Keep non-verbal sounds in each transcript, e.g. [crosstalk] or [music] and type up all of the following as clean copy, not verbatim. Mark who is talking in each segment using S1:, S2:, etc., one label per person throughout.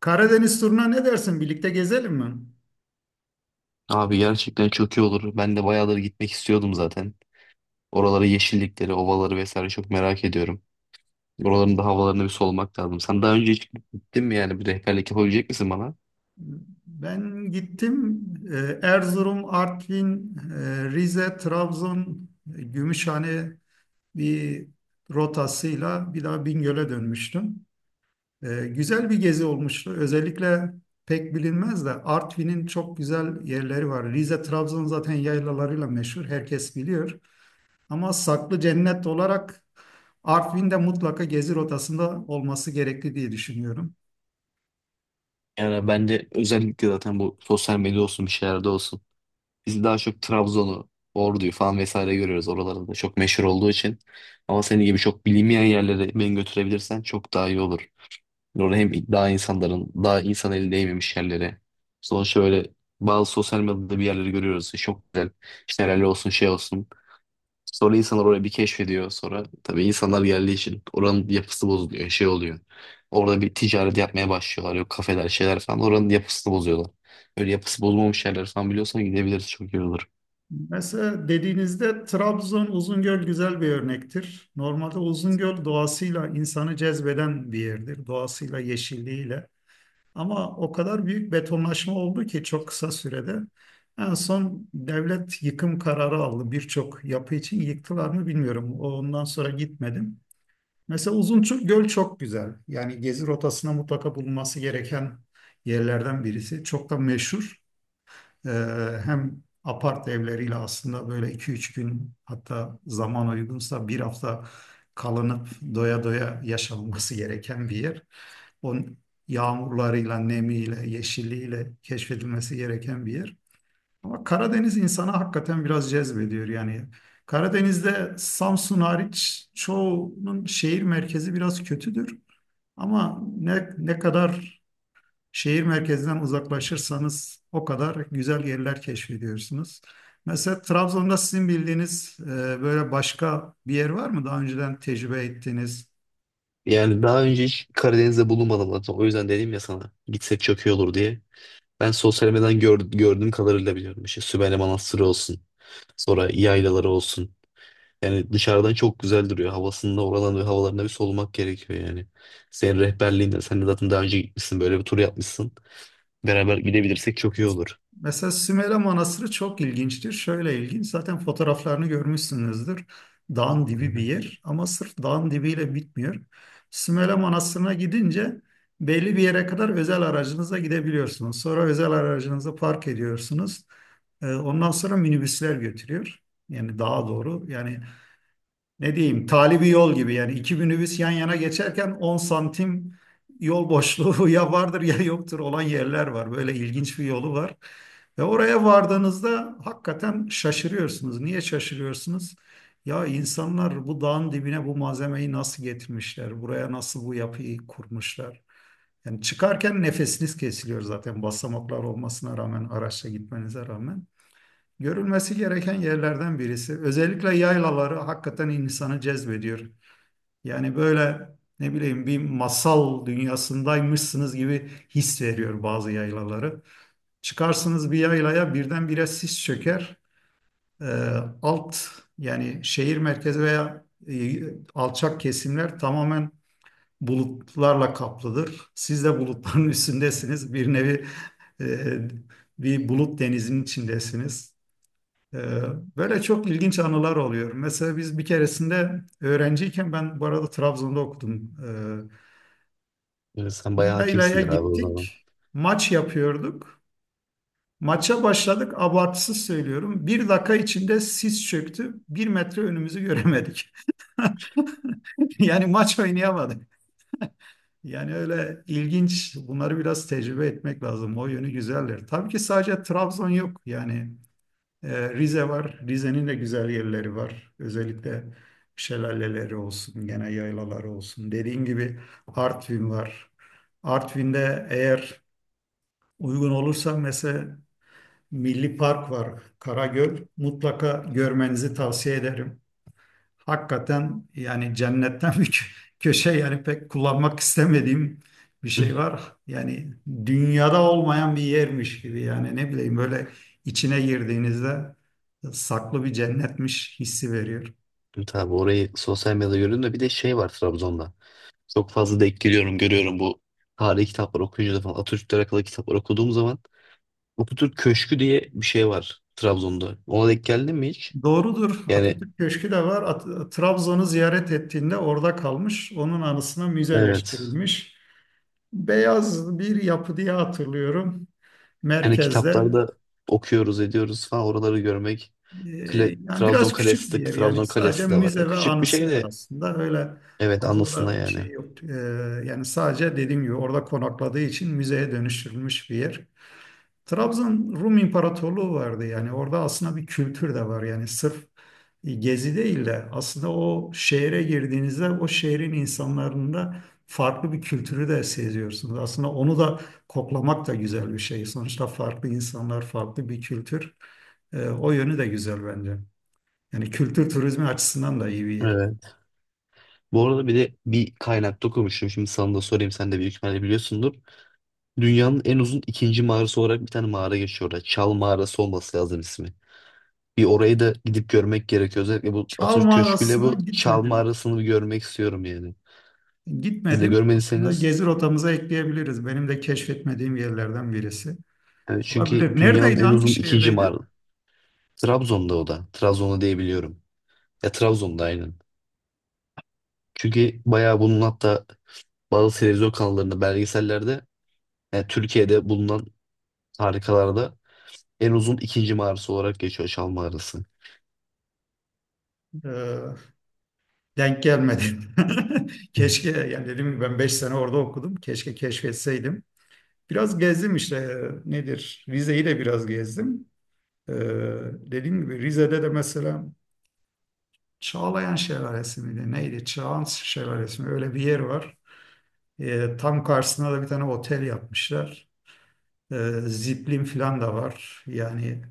S1: Karadeniz turuna ne dersin? Birlikte gezelim mi?
S2: Abi gerçekten çok iyi olur. Ben de bayağıdır gitmek istiyordum zaten. Oraları, yeşillikleri, ovaları vesaire çok merak ediyorum. Oraların da havalarını bir solmak lazım. Sen daha önce hiç gittin mi yani? Bir rehberlik yapabilecek misin bana?
S1: Ben gittim. Erzurum, Artvin, Rize, Trabzon, Gümüşhane bir rotasıyla bir daha Bingöl'e dönmüştüm. Güzel bir gezi olmuştu. Özellikle pek bilinmez de Artvin'in çok güzel yerleri var. Rize, Trabzon zaten yaylalarıyla meşhur. Herkes biliyor. Ama saklı cennet olarak Artvin'de mutlaka gezi rotasında olması gerekli diye düşünüyorum.
S2: Yani bence özellikle zaten bu sosyal medya olsun bir şeylerde olsun. Biz daha çok Trabzon'u, Ordu'yu falan vesaire görüyoruz. Oralarda da çok meşhur olduğu için. Ama senin gibi çok bilinmeyen yerlere beni götürebilirsen çok daha iyi olur. Orada hem daha insanların daha insan eli değmemiş yerlere. Sonuçta böyle bazı sosyal medyada bir yerleri görüyoruz. İşte çok güzel. İşte helal olsun şey olsun. Sonra insanlar oraya bir keşfediyor. Sonra tabii insanlar geldiği için oranın yapısı bozuluyor. Şey oluyor. Orada bir ticaret yapmaya başlıyorlar. Yok kafeler şeyler falan. Oranın yapısını bozuyorlar. Böyle yapısı bozulmamış yerler falan biliyorsan gidebiliriz. Çok iyi olur.
S1: Mesela dediğinizde Trabzon Uzungöl güzel bir örnektir. Normalde Uzungöl doğasıyla insanı cezbeden bir yerdir. Doğasıyla, yeşilliğiyle. Ama o kadar büyük betonlaşma oldu ki çok kısa sürede. En son devlet yıkım kararı aldı. Birçok yapı için yıktılar mı bilmiyorum. Ondan sonra gitmedim. Mesela Uzungöl çok güzel. Yani gezi rotasına mutlaka bulunması gereken yerlerden birisi. Çok da meşhur. Ee, hem apart evleriyle aslında böyle 2-3 gün hatta zaman uygunsa bir hafta kalınıp doya doya yaşanması gereken bir yer. Onun yağmurlarıyla, nemiyle, yeşilliğiyle keşfedilmesi gereken bir yer. Ama Karadeniz insana hakikaten biraz cezbediyor yani. Karadeniz'de Samsun hariç çoğunun şehir merkezi biraz kötüdür. Ama ne kadar şehir merkezinden uzaklaşırsanız o kadar güzel yerler keşfediyorsunuz. Mesela Trabzon'da sizin bildiğiniz böyle başka bir yer var mı? Daha önceden tecrübe ettiğiniz.
S2: Yani daha önce hiç Karadeniz'de bulunmadım zaten. O yüzden dedim ya sana gitsek çok iyi olur diye. Ben sosyal medyadan gördüğüm kadarıyla biliyorum. İşte Sümele Manastırı olsun. Sonra yaylaları olsun. Yani dışarıdan çok güzel duruyor. Havasında oradan ve havalarına bir solumak gerekiyor yani. Senin rehberliğinde sen de zaten daha önce gitmişsin, böyle bir tur yapmışsın. Beraber gidebilirsek çok iyi olur.
S1: Mesela Sümele Manastırı çok ilginçtir. Şöyle ilginç, zaten fotoğraflarını görmüşsünüzdür. Dağın dibi bir
S2: Aynen.
S1: yer ama sırf dağın dibiyle bitmiyor. Sümele Manastırı'na gidince belli bir yere kadar özel aracınıza gidebiliyorsunuz. Sonra özel aracınızı park ediyorsunuz. Ondan sonra minibüsler götürüyor. Yani daha doğru. Yani ne diyeyim talibi yol gibi yani iki minibüs yan yana geçerken 10 santim yol boşluğu [laughs] ya vardır ya yoktur olan yerler var. Böyle ilginç bir yolu var. Ve oraya vardığınızda hakikaten şaşırıyorsunuz. Niye şaşırıyorsunuz? Ya insanlar bu dağın dibine bu malzemeyi nasıl getirmişler? Buraya nasıl bu yapıyı kurmuşlar? Yani çıkarken nefesiniz kesiliyor zaten basamaklar olmasına rağmen, araçla gitmenize rağmen. Görülmesi gereken yerlerden birisi. Özellikle yaylaları hakikaten insanı cezbediyor. Yani böyle ne bileyim bir masal dünyasındaymışsınız gibi his veriyor bazı yaylaları. Çıkarsınız bir yaylaya birdenbire sis çöker. Ee, alt yani şehir merkezi veya alçak kesimler tamamen bulutlarla kaplıdır. Siz de bulutların [laughs] üstündesiniz. Bir nevi e, bir bulut denizinin içindesiniz. Ee, Böyle çok ilginç anılar oluyor. Mesela biz bir keresinde öğrenciyken ben bu arada Trabzon'da okudum. Ee,
S2: Yani sen
S1: Bir
S2: bayağı
S1: yaylaya
S2: hakimsindir abi o zaman.
S1: gittik. Maç yapıyorduk. Maça başladık. Abartısız söylüyorum. Bir dakika içinde sis çöktü. Bir metre önümüzü göremedik. [laughs] Yani maç oynayamadık. Yani öyle ilginç. Bunları biraz tecrübe etmek lazım. O yönü güzeller. Tabii ki sadece Trabzon yok. Yani Rize var. Rize'nin de güzel yerleri var. Özellikle şelaleleri olsun, gene yaylaları olsun. Dediğim gibi Artvin var. Artvin'de eğer uygun olursa mesela Milli Park var, Karagöl. Mutlaka görmenizi tavsiye ederim. Hakikaten yani cennetten [laughs] bir köşe yani pek kullanmak istemediğim bir şey
S2: [laughs]
S1: var. Yani dünyada olmayan bir yermiş gibi yani ne bileyim böyle içine girdiğinizde saklı bir cennetmiş hissi veriyor.
S2: Tabii orayı sosyal medyada görüyorum da bir de şey var Trabzon'da. Çok fazla denk geliyorum, görüyorum bu tarihi kitapları okuyunca da falan. Atatürk'le alakalı kitaplar okuduğum zaman Atatürk Köşkü diye bir şey var Trabzon'da. Ona denk geldin mi hiç?
S1: Doğrudur.
S2: Yani
S1: Atatürk Köşkü de var. Trabzon'u ziyaret ettiğinde orada kalmış. Onun anısına
S2: evet.
S1: müzeleştirilmiş. Beyaz bir yapı diye hatırlıyorum.
S2: Yani
S1: Merkezde.
S2: kitaplarda okuyoruz, ediyoruz falan oraları görmek.
S1: Ee,
S2: Kale,
S1: yani
S2: Trabzon
S1: biraz küçük
S2: Kalesi
S1: bir
S2: de,
S1: yer yani
S2: Trabzon
S1: sadece
S2: Kalesi de var. Ya
S1: müze ve
S2: küçük bir
S1: anısı
S2: şey
S1: var
S2: de
S1: aslında öyle
S2: evet,
S1: fazla
S2: anlasınlar
S1: da bir şey
S2: yani.
S1: yok. Yani sadece dediğim gibi orada konakladığı için müzeye dönüştürülmüş bir yer. Trabzon Rum İmparatorluğu vardı yani orada aslında bir kültür de var yani sırf gezi değil de aslında o şehre girdiğinizde o şehrin insanlarında farklı bir kültürü de seziyorsunuz. Aslında onu da koklamak da güzel bir şey. Sonuçta farklı insanlar, farklı bir kültür. O yönü de güzel bence. Yani kültür turizmi açısından da iyi bir yer.
S2: Evet. Bu arada bir de bir kaynakta okumuştum. Şimdi sana da sorayım. Sen de büyük ihtimalle biliyorsundur. Dünyanın en uzun ikinci mağarası olarak bir tane mağara geçiyor orada. Çal Mağarası olması lazım ismi. Bir orayı da gidip görmek gerekiyor. Özellikle bu
S1: Çal
S2: Atatürk Köşkü'yle
S1: mağarasına
S2: bu Çal
S1: gitmedim.
S2: Mağarası'nı bir görmek istiyorum yani. Siz de
S1: Gitmedim. Aslında
S2: görmediyseniz
S1: gezi rotamıza ekleyebiliriz. Benim de keşfetmediğim yerlerden birisi.
S2: evet, çünkü
S1: Olabilir.
S2: dünyanın
S1: Neredeydi?
S2: en
S1: Hangi
S2: uzun ikinci
S1: şehirdeydi?
S2: mağarası. Trabzon'da o da. Trabzon'da diyebiliyorum. Ya Trabzon'da aynen. Çünkü bayağı bunun hatta bazı televizyon kanallarında belgesellerde yani Türkiye'de bulunan harikalarda en uzun ikinci mağarası olarak geçiyor Çal Mağarası.
S1: Ee, denk gelmedi. [laughs] Keşke yani dedim ki ben 5 sene orada okudum. Keşke keşfetseydim. Biraz gezdim işte nedir? Rize'yi de biraz gezdim. Ee, dediğim gibi Rize'de de mesela Çağlayan Şelalesi miydi? Neydi? Çağan Şelalesi mi? Öyle bir yer var. Tam karşısına da bir tane otel yapmışlar. Ziplin falan da var. Yani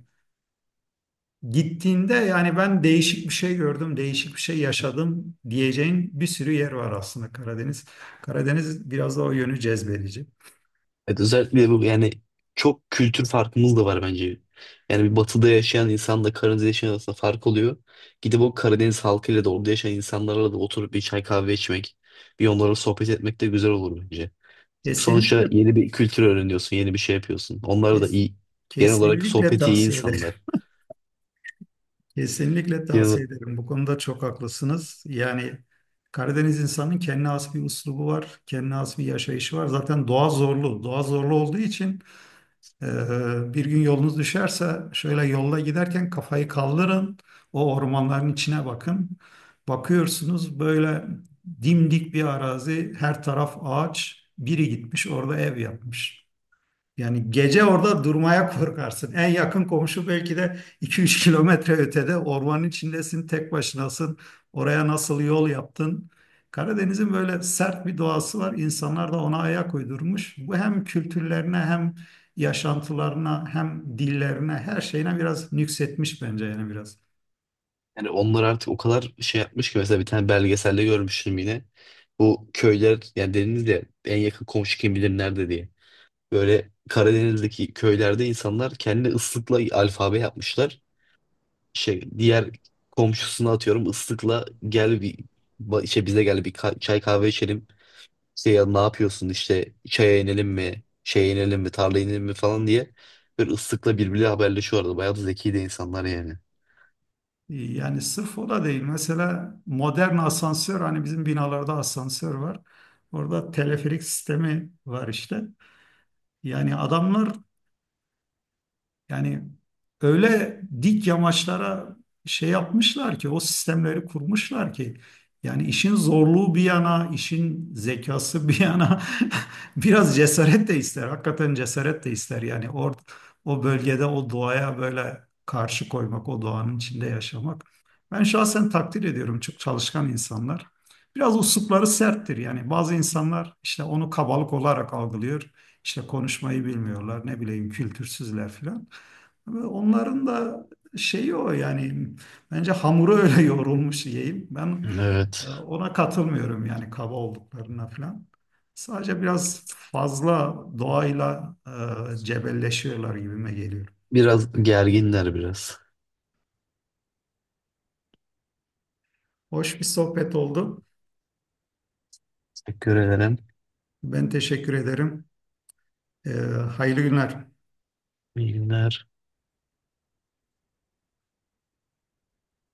S1: gittiğinde yani ben değişik bir şey gördüm, değişik bir şey yaşadım diyeceğin bir sürü yer var aslında Karadeniz. Karadeniz biraz da o yönü cezbedici.
S2: Evet, özellikle bu yani çok kültür farkımız da var bence. Yani bir batıda yaşayan insanla Karadeniz'de yaşayan arasında fark oluyor. Gidip o Karadeniz halkıyla da orada yaşayan insanlarla da oturup bir çay kahve içmek, bir onlarla sohbet etmek de güzel olur bence.
S1: Kesinlikle
S2: Sonuçta yeni bir kültür öğreniyorsun, yeni bir şey yapıyorsun. Onlar da
S1: kes,
S2: iyi, genel olarak sohbeti iyi
S1: tavsiye ederim.
S2: insanlar.
S1: Kesinlikle
S2: Yani,
S1: tavsiye ederim. Bu konuda çok haklısınız. Yani Karadeniz insanının kendine has bir üslubu var, kendine has bir yaşayışı var. Zaten doğa zorlu. Doğa zorlu olduğu için e, bir gün yolunuz düşerse şöyle yolda giderken kafayı kaldırın, o ormanların içine bakın. Bakıyorsunuz böyle dimdik bir arazi, her taraf ağaç, biri gitmiş orada ev yapmış. Yani gece orada durmaya korkarsın. En yakın komşu belki de 2-3 kilometre ötede ormanın içindesin, tek başınasın. Oraya nasıl yol yaptın? Karadeniz'in böyle sert bir doğası var. İnsanlar da ona ayak uydurmuş. Bu hem kültürlerine hem yaşantılarına hem dillerine her şeyine biraz nüksetmiş bence yani biraz.
S2: yani onlar artık o kadar şey yapmış ki mesela bir tane belgeselde görmüştüm yine. Bu köyler yani dediniz ya en yakın komşu kim bilir nerede diye. Böyle Karadeniz'deki köylerde insanlar kendi ıslıkla alfabe yapmışlar. Şey, diğer komşusuna atıyorum ıslıkla gel bir işte bize gel bir çay kahve içelim. İşte ya ne yapıyorsun, işte çaya inelim mi, şeye inelim mi, tarlaya inelim mi falan diye böyle ıslıkla birbiriyle haberleşiyorlardı. Bayağı da zeki de insanlar yani.
S1: Yani sırf o da değil. Mesela modern asansör hani bizim binalarda asansör var. Orada teleferik sistemi var işte. Yani adamlar Yani öyle dik yamaçlara şey yapmışlar ki o sistemleri kurmuşlar ki yani işin zorluğu bir yana, işin zekası bir yana [laughs] biraz cesaret de ister. Hakikaten cesaret de ister. Yani o bölgede o doğaya böyle karşı koymak, o doğanın içinde yaşamak. Ben şahsen takdir ediyorum çok çalışkan insanlar. Biraz usupları serttir yani bazı insanlar işte onu kabalık olarak algılıyor. İşte konuşmayı bilmiyorlar, ne bileyim kültürsüzler filan. Ve onların da şeyi o yani bence hamuru öyle [laughs] yoğrulmuş yiyeyim. Ben
S2: Evet.
S1: ona katılmıyorum yani kaba olduklarına falan. Sadece biraz fazla doğayla cebelleşiyorlar gibime geliyor.
S2: Biraz gerginler biraz.
S1: Hoş bir sohbet oldu.
S2: Teşekkür ederim.
S1: Ben teşekkür ederim. E, hayırlı günler.
S2: İyi günler.